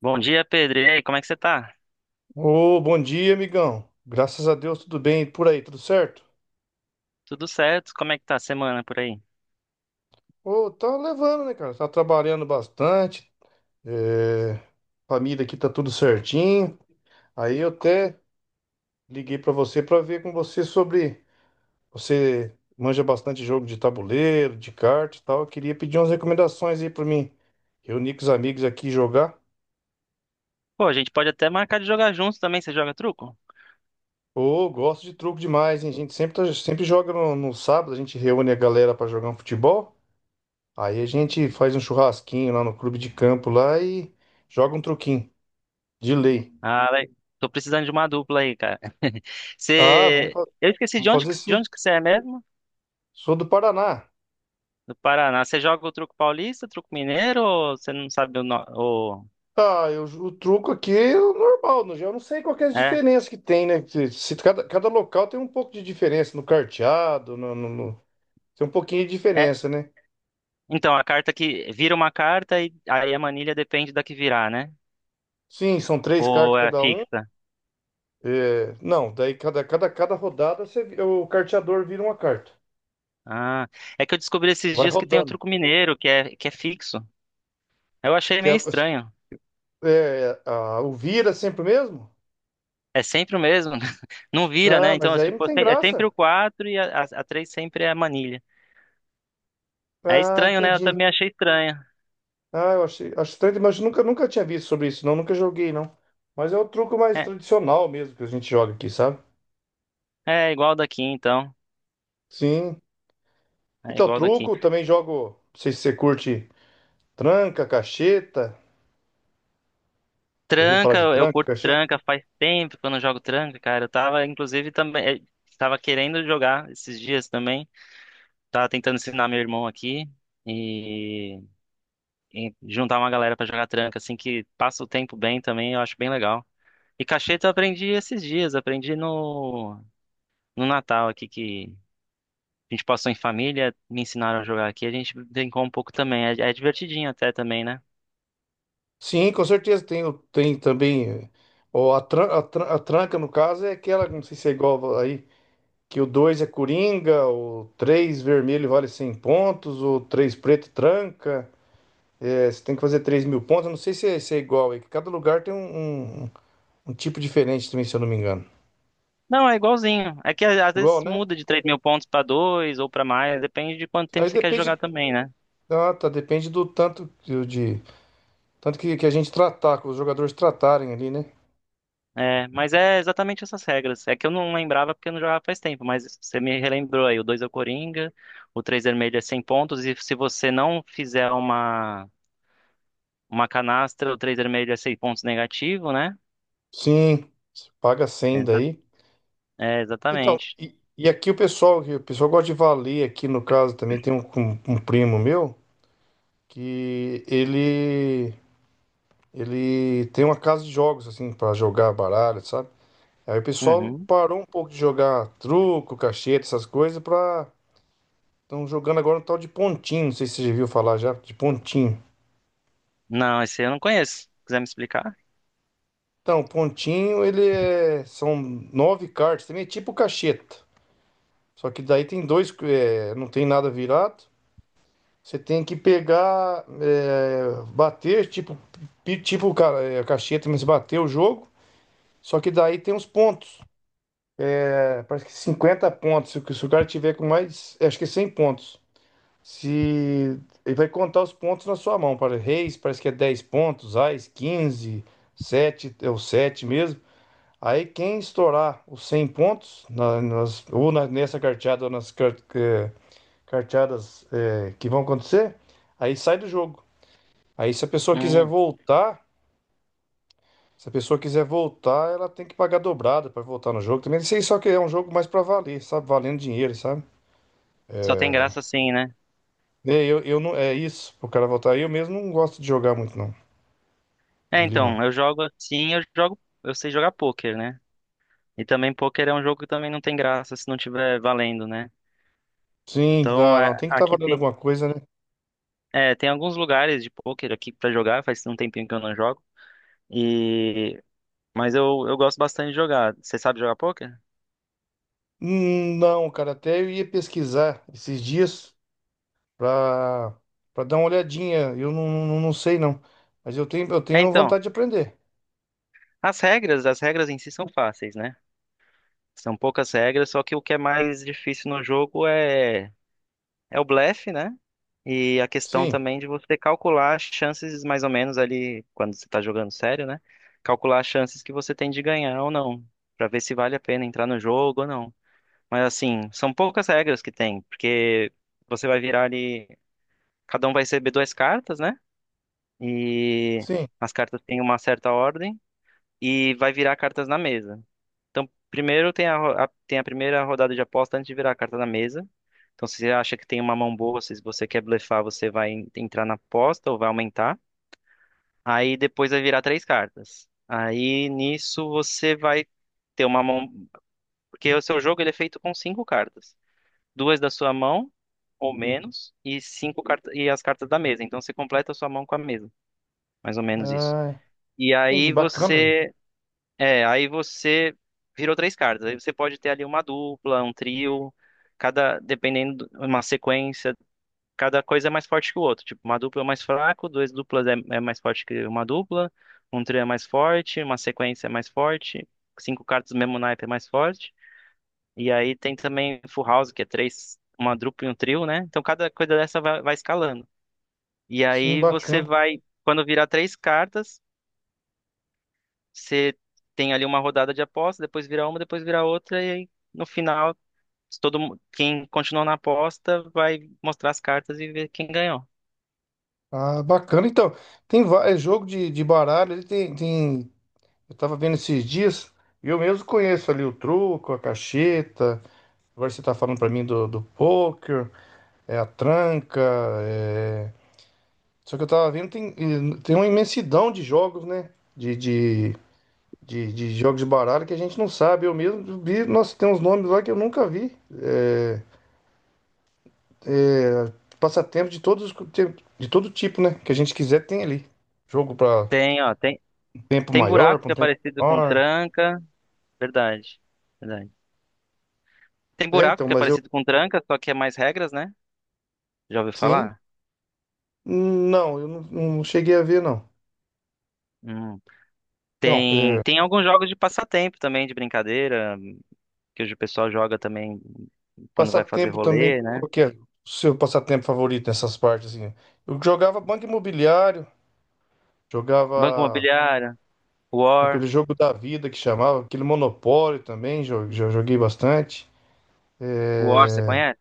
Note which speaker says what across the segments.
Speaker 1: Bom dia, Pedro. E aí, como é que você tá?
Speaker 2: Ô, bom dia, amigão. Graças a Deus, tudo bem. E por aí, tudo certo?
Speaker 1: Tudo certo? Como é que tá a semana por aí?
Speaker 2: Ô, tá levando, né, cara? Tá trabalhando bastante. é, Família aqui tá tudo certinho. Aí eu até liguei pra você pra ver com você sobre. Você manja bastante jogo de tabuleiro, de carta e tal. Eu queria pedir umas recomendações aí pra mim. Reunir com os amigos aqui e jogar.
Speaker 1: Pô, a gente pode até marcar de jogar juntos também. Você joga truco?
Speaker 2: Ô, gosto de truco demais, hein? A gente sempre, sempre joga no sábado, a gente reúne a galera pra jogar um futebol. Aí a gente faz um churrasquinho lá no clube de campo lá e joga um truquinho de lei.
Speaker 1: Ah, le- Tô precisando de uma dupla aí, cara.
Speaker 2: Ah, vamos,
Speaker 1: Você...
Speaker 2: fa-
Speaker 1: Eu esqueci
Speaker 2: Vamos fazer
Speaker 1: de
Speaker 2: sim.
Speaker 1: onde que você é mesmo?
Speaker 2: Sou do Paraná.
Speaker 1: Do Paraná. Você joga o truco paulista, truco mineiro ou você não sabe o... No... o-
Speaker 2: Ah, eu, o truco aqui é o normal, no geral. Eu não sei qual que é a
Speaker 1: É,
Speaker 2: diferença que tem, né? Se, se cada local tem um pouco de diferença no carteado, tem um pouquinho de
Speaker 1: é.
Speaker 2: diferença, né?
Speaker 1: Então, a carta que... Vira uma carta e aí a manilha depende da que virar, né?
Speaker 2: Sim, são três
Speaker 1: Ou
Speaker 2: cartas
Speaker 1: é
Speaker 2: cada um.
Speaker 1: fixa?
Speaker 2: É, não, daí cada rodada você, o carteador vira uma carta.
Speaker 1: Ah, é que eu descobri esses
Speaker 2: Vai
Speaker 1: dias que tem o
Speaker 2: rodando.
Speaker 1: truco mineiro, que é fixo. Eu achei
Speaker 2: Que é,
Speaker 1: meio estranho.
Speaker 2: é, a, o vira sempre o mesmo?
Speaker 1: É sempre o mesmo, não vira,
Speaker 2: Ah,
Speaker 1: né?
Speaker 2: mas
Speaker 1: Então,
Speaker 2: aí não
Speaker 1: tipo,
Speaker 2: tem
Speaker 1: é sempre
Speaker 2: graça.
Speaker 1: o 4 e a 3 sempre é a manilha. É
Speaker 2: Ah,
Speaker 1: estranho, né? Eu
Speaker 2: entendi.
Speaker 1: também achei estranho.
Speaker 2: Ah, eu achei, acho estranho, mas nunca tinha visto sobre isso, não, nunca joguei, não. Mas é o truco mais
Speaker 1: É,
Speaker 2: tradicional mesmo que a gente joga aqui, sabe?
Speaker 1: é igual daqui, então.
Speaker 2: Sim.
Speaker 1: É
Speaker 2: Então,
Speaker 1: igual daqui.
Speaker 2: truco, também jogo, não sei se você curte tranca, cacheta. Já viu falar
Speaker 1: Tranca,
Speaker 2: de
Speaker 1: eu
Speaker 2: tranca,
Speaker 1: curto
Speaker 2: cacheta?
Speaker 1: tranca, faz tempo que eu não jogo tranca, cara. Eu tava, inclusive, também. Tava querendo jogar esses dias também. Tava tentando ensinar meu irmão aqui e, e juntar uma galera pra jogar tranca, assim, que passa o tempo bem também, eu acho bem legal. E cacheta eu aprendi esses dias, aprendi no, no Natal aqui que a gente passou em família, me ensinaram a jogar aqui, a gente brincou um pouco também. É, é divertidinho até também, né?
Speaker 2: Sim, com certeza tem, tem também. Ó, a, a tranca, no caso, é aquela, não sei se é igual aí, que o 2 é coringa, o 3 vermelho vale 100 pontos, o 3 preto tranca. É, você tem que fazer 3.000 pontos. Eu não sei se é, se é igual aí, que cada lugar tem um tipo diferente também, se eu não me engano.
Speaker 1: Não, é igualzinho. É que às vezes
Speaker 2: Igual, né?
Speaker 1: muda de 3 mil pontos pra 2 ou pra mais, depende de quanto
Speaker 2: Aí
Speaker 1: tempo você quer
Speaker 2: depende.
Speaker 1: jogar também, né?
Speaker 2: Ah, tá, depende do tanto que a gente tratar, que os jogadores tratarem ali, né?
Speaker 1: É, mas é exatamente essas regras. É que eu não lembrava porque eu não jogava faz tempo, mas você me relembrou aí. O 2 é o Coringa, o 3 vermelho é 100 pontos, e se você não fizer uma canastra, o 3 vermelho é 100 pontos negativo, né?
Speaker 2: Sim, você paga 100
Speaker 1: Exa-
Speaker 2: daí.
Speaker 1: É,
Speaker 2: Então,
Speaker 1: exatamente.
Speaker 2: e aqui o pessoal gosta de valer aqui no caso também tem um primo meu que ele tem uma casa de jogos assim para jogar baralho, sabe? Aí o pessoal
Speaker 1: Uhum.
Speaker 2: parou um pouco de jogar truco, cacheta, essas coisas, pra. Estão jogando agora um tal de pontinho. Não sei se você já viu falar já, de pontinho.
Speaker 1: Não, esse eu não conheço. Quiser me explicar?
Speaker 2: Então, pontinho, ele é. São nove cartas, também é tipo cacheta. Só que daí tem dois. Não tem nada virado. Você tem que pegar. Bater, tipo. Tipo cacheta, mas bater o jogo. Só que daí tem os pontos. É, parece que 50 pontos. Se o cara tiver com mais. Acho que é 100 pontos. Se ele vai contar os pontos na sua mão, para reis, parece que é 10 pontos, ás 15 7 é o 7 mesmo. Aí quem estourar os 100 pontos nessa carteada ou nas carteadas que vão acontecer, aí sai do jogo. Aí se a pessoa quiser
Speaker 1: Hum.
Speaker 2: voltar, se a pessoa quiser voltar, ela tem que pagar dobrada para voltar no jogo. Também sei só que é um jogo mais para valer, sabe? Valendo dinheiro, sabe?
Speaker 1: Só tem graça assim, né?
Speaker 2: É, eu não, é isso, pro cara voltar. Eu mesmo não gosto de jogar muito, não.
Speaker 1: É,
Speaker 2: Ele não.
Speaker 1: então, eu jogo assim, eu jogo, eu sei jogar pôquer, né? E também pôquer é um jogo que também não tem graça se não tiver valendo, né?
Speaker 2: Sim,
Speaker 1: Então,
Speaker 2: não, não,
Speaker 1: é,
Speaker 2: tem que estar
Speaker 1: aqui
Speaker 2: valendo
Speaker 1: tem,
Speaker 2: alguma coisa, né?
Speaker 1: é, tem alguns lugares de pôquer aqui pra jogar, faz um tempinho que eu não jogo. E mas eu gosto bastante de jogar. Você sabe jogar poker?
Speaker 2: Não, cara, até eu ia pesquisar esses dias pra, pra dar uma olhadinha. Eu não, não sei, não. Mas eu
Speaker 1: É,
Speaker 2: tenho
Speaker 1: então,
Speaker 2: vontade de aprender.
Speaker 1: as regras em si são fáceis, né? São poucas regras, só que o que é mais difícil no jogo é é o blefe, né? E a questão
Speaker 2: Sim,
Speaker 1: também de você calcular as chances mais ou menos ali, quando você está jogando sério, né? Calcular as chances que você tem de ganhar ou não, para ver se vale a pena entrar no jogo ou não. Mas assim, são poucas regras que tem, porque você vai virar ali, cada um vai receber duas cartas, né? E
Speaker 2: sim.
Speaker 1: as cartas têm uma certa ordem e vai virar cartas na mesa. Então, primeiro tem tem a primeira rodada de aposta antes de virar a carta na mesa. Então, se você acha que tem uma mão boa, se você quer blefar, você vai entrar na aposta ou vai aumentar. Aí depois vai virar três cartas. Aí nisso você vai ter uma mão. Porque o seu jogo ele é feito com cinco cartas. Duas da sua mão, ou menos, e cinco cartas e as cartas da mesa. Então você completa a sua mão com a mesa. Mais ou menos isso.
Speaker 2: Ah,
Speaker 1: E
Speaker 2: entendi,
Speaker 1: aí
Speaker 2: bacana.
Speaker 1: você. É, aí você virou três cartas. Aí você pode ter ali uma dupla, um trio, cada, dependendo, uma sequência, cada coisa é mais forte que o outro. Tipo, uma dupla é mais fraco, duas duplas é mais forte que uma dupla, um trio é mais forte, uma sequência é mais forte, cinco cartas do mesmo naipe é mais forte. E aí tem também full house, que é três, uma dupla e um trio, né? Então cada coisa dessa vai, vai escalando. E
Speaker 2: Sim,
Speaker 1: aí você
Speaker 2: bacana.
Speaker 1: vai, quando virar três cartas você tem ali uma rodada de aposta, depois vira uma, depois vira outra, e aí no final, se quem continuou na aposta vai mostrar as cartas e ver quem ganhou.
Speaker 2: Ah, bacana. Então, é jogo de baralho, ele tem, tem. Eu tava vendo esses dias, e eu mesmo conheço ali o truco, a cacheta. Agora você tá falando pra mim do, do pôquer, é a tranca, é, só que eu tava vendo, tem, tem uma imensidão de jogos, né? De jogos de baralho que a gente não sabe. Eu mesmo vi, nossa, tem uns nomes lá que eu nunca vi. É, passatempo de de todo tipo, né? Que a gente quiser tem ali. Jogo pra
Speaker 1: Ó,
Speaker 2: um tempo
Speaker 1: tem
Speaker 2: maior,
Speaker 1: buraco
Speaker 2: pra
Speaker 1: que
Speaker 2: um
Speaker 1: é
Speaker 2: tempo
Speaker 1: parecido com
Speaker 2: menor.
Speaker 1: tranca, verdade, verdade. Tem
Speaker 2: É,
Speaker 1: buraco
Speaker 2: então,
Speaker 1: que é
Speaker 2: mas eu,
Speaker 1: parecido com tranca, só que é mais regras, né? Já ouviu
Speaker 2: sim.
Speaker 1: falar?
Speaker 2: Não, eu não, não cheguei a ver, não.
Speaker 1: Hum.
Speaker 2: Então,
Speaker 1: Tem,
Speaker 2: é,
Speaker 1: tem alguns jogos de passatempo também, de brincadeira, que hoje o pessoal joga também quando vai fazer
Speaker 2: passatempo também,
Speaker 1: rolê, né?
Speaker 2: qual que é o seu passatempo favorito nessas partes, assim? Eu jogava Banco Imobiliário,
Speaker 1: Banco
Speaker 2: jogava.
Speaker 1: Imobiliário,
Speaker 2: Aquele
Speaker 1: War,
Speaker 2: jogo da vida que chamava, aquele Monopólio também, já joguei bastante.
Speaker 1: War, você
Speaker 2: É...
Speaker 1: conhece?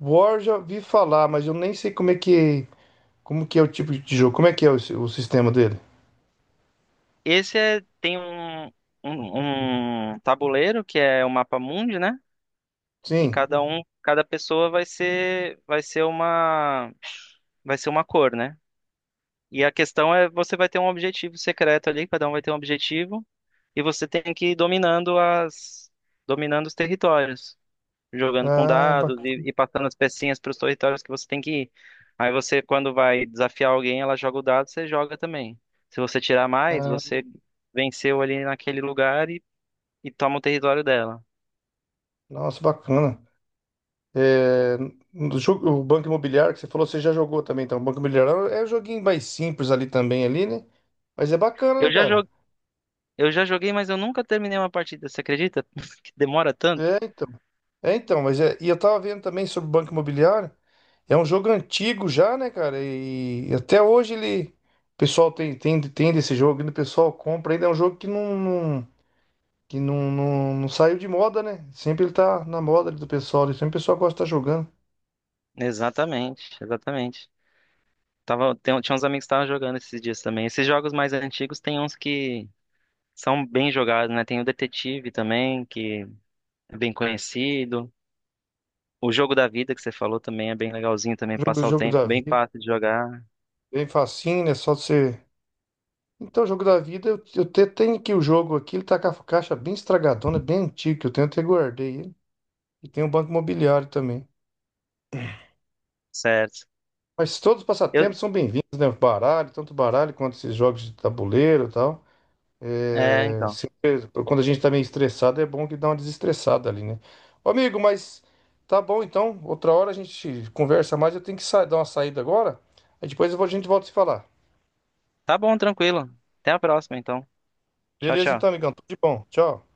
Speaker 2: War já vi falar, mas eu nem sei como é que, como que é o tipo de jogo, como é que é o sistema dele.
Speaker 1: Tem um tabuleiro que é o mapa mundi, né? E
Speaker 2: Sim.
Speaker 1: cada um, cada pessoa vai ser uma cor, né? E a questão é, você vai ter um objetivo secreto ali, cada um vai ter um objetivo, e você tem que ir dominando as, dominando os territórios, jogando com
Speaker 2: Ah,
Speaker 1: dados
Speaker 2: bacana.
Speaker 1: e passando as pecinhas para os territórios que você tem que ir. Aí você, quando vai desafiar alguém, ela joga o dado, você joga também. Se você tirar mais, você venceu ali naquele lugar e toma o território dela.
Speaker 2: Nossa, bacana. É... no jogo- o Banco Imobiliário que você falou, você já jogou também, então. O Banco Imobiliário é um joguinho mais simples ali também, ali, né? Mas é bacana,
Speaker 1: Eu
Speaker 2: né,
Speaker 1: já
Speaker 2: cara?
Speaker 1: joguei, eu já joguei, mas eu nunca terminei uma partida, você acredita? Que demora tanto?
Speaker 2: É, então. É, então, mas é, e eu tava vendo também sobre o Banco Imobiliário. É um jogo antigo já, né, cara? E, até hoje ele, o pessoal tem desse jogo, ainda o pessoal compra. Ainda é um jogo que não saiu de moda, né? Sempre ele tá na moda ali do pessoal, ali, sempre o pessoal gosta de estar jogando.
Speaker 1: Exatamente, exatamente. Tava, tinha uns amigos que estavam jogando esses dias também. Esses jogos mais antigos tem uns que são bem jogados, né? Tem o Detetive também, que é bem conhecido. O Jogo da Vida que você falou também é bem legalzinho também,
Speaker 2: Jogo,
Speaker 1: passar o
Speaker 2: jogo
Speaker 1: tempo,
Speaker 2: da
Speaker 1: bem
Speaker 2: vida,
Speaker 1: fácil de jogar,
Speaker 2: bem facinho, né? Só você. Então, jogo da vida, eu, tenho aqui o jogo aqui, ele tá com a caixa bem estragadona, bem antigo, que eu tenho até guardei ele. E tem o Banco Imobiliário também.
Speaker 1: certo?
Speaker 2: Mas todos os
Speaker 1: Eu,
Speaker 2: passatempos são bem-vindos, né? Baralho, tanto baralho quanto esses jogos de tabuleiro e tal.
Speaker 1: é,
Speaker 2: É,
Speaker 1: então.
Speaker 2: se- quando a gente tá meio estressado, é bom que dá uma desestressada ali, né? Ô, amigo, mas tá bom então. Outra hora a gente conversa mais. Eu tenho que dar uma saída agora. Aí depois eu vou- a gente volta a se falar.
Speaker 1: Tá bom, tranquilo. Até a próxima, então. Tchau,
Speaker 2: Beleza
Speaker 1: tchau.
Speaker 2: então, amigão. Tudo de bom. Tchau.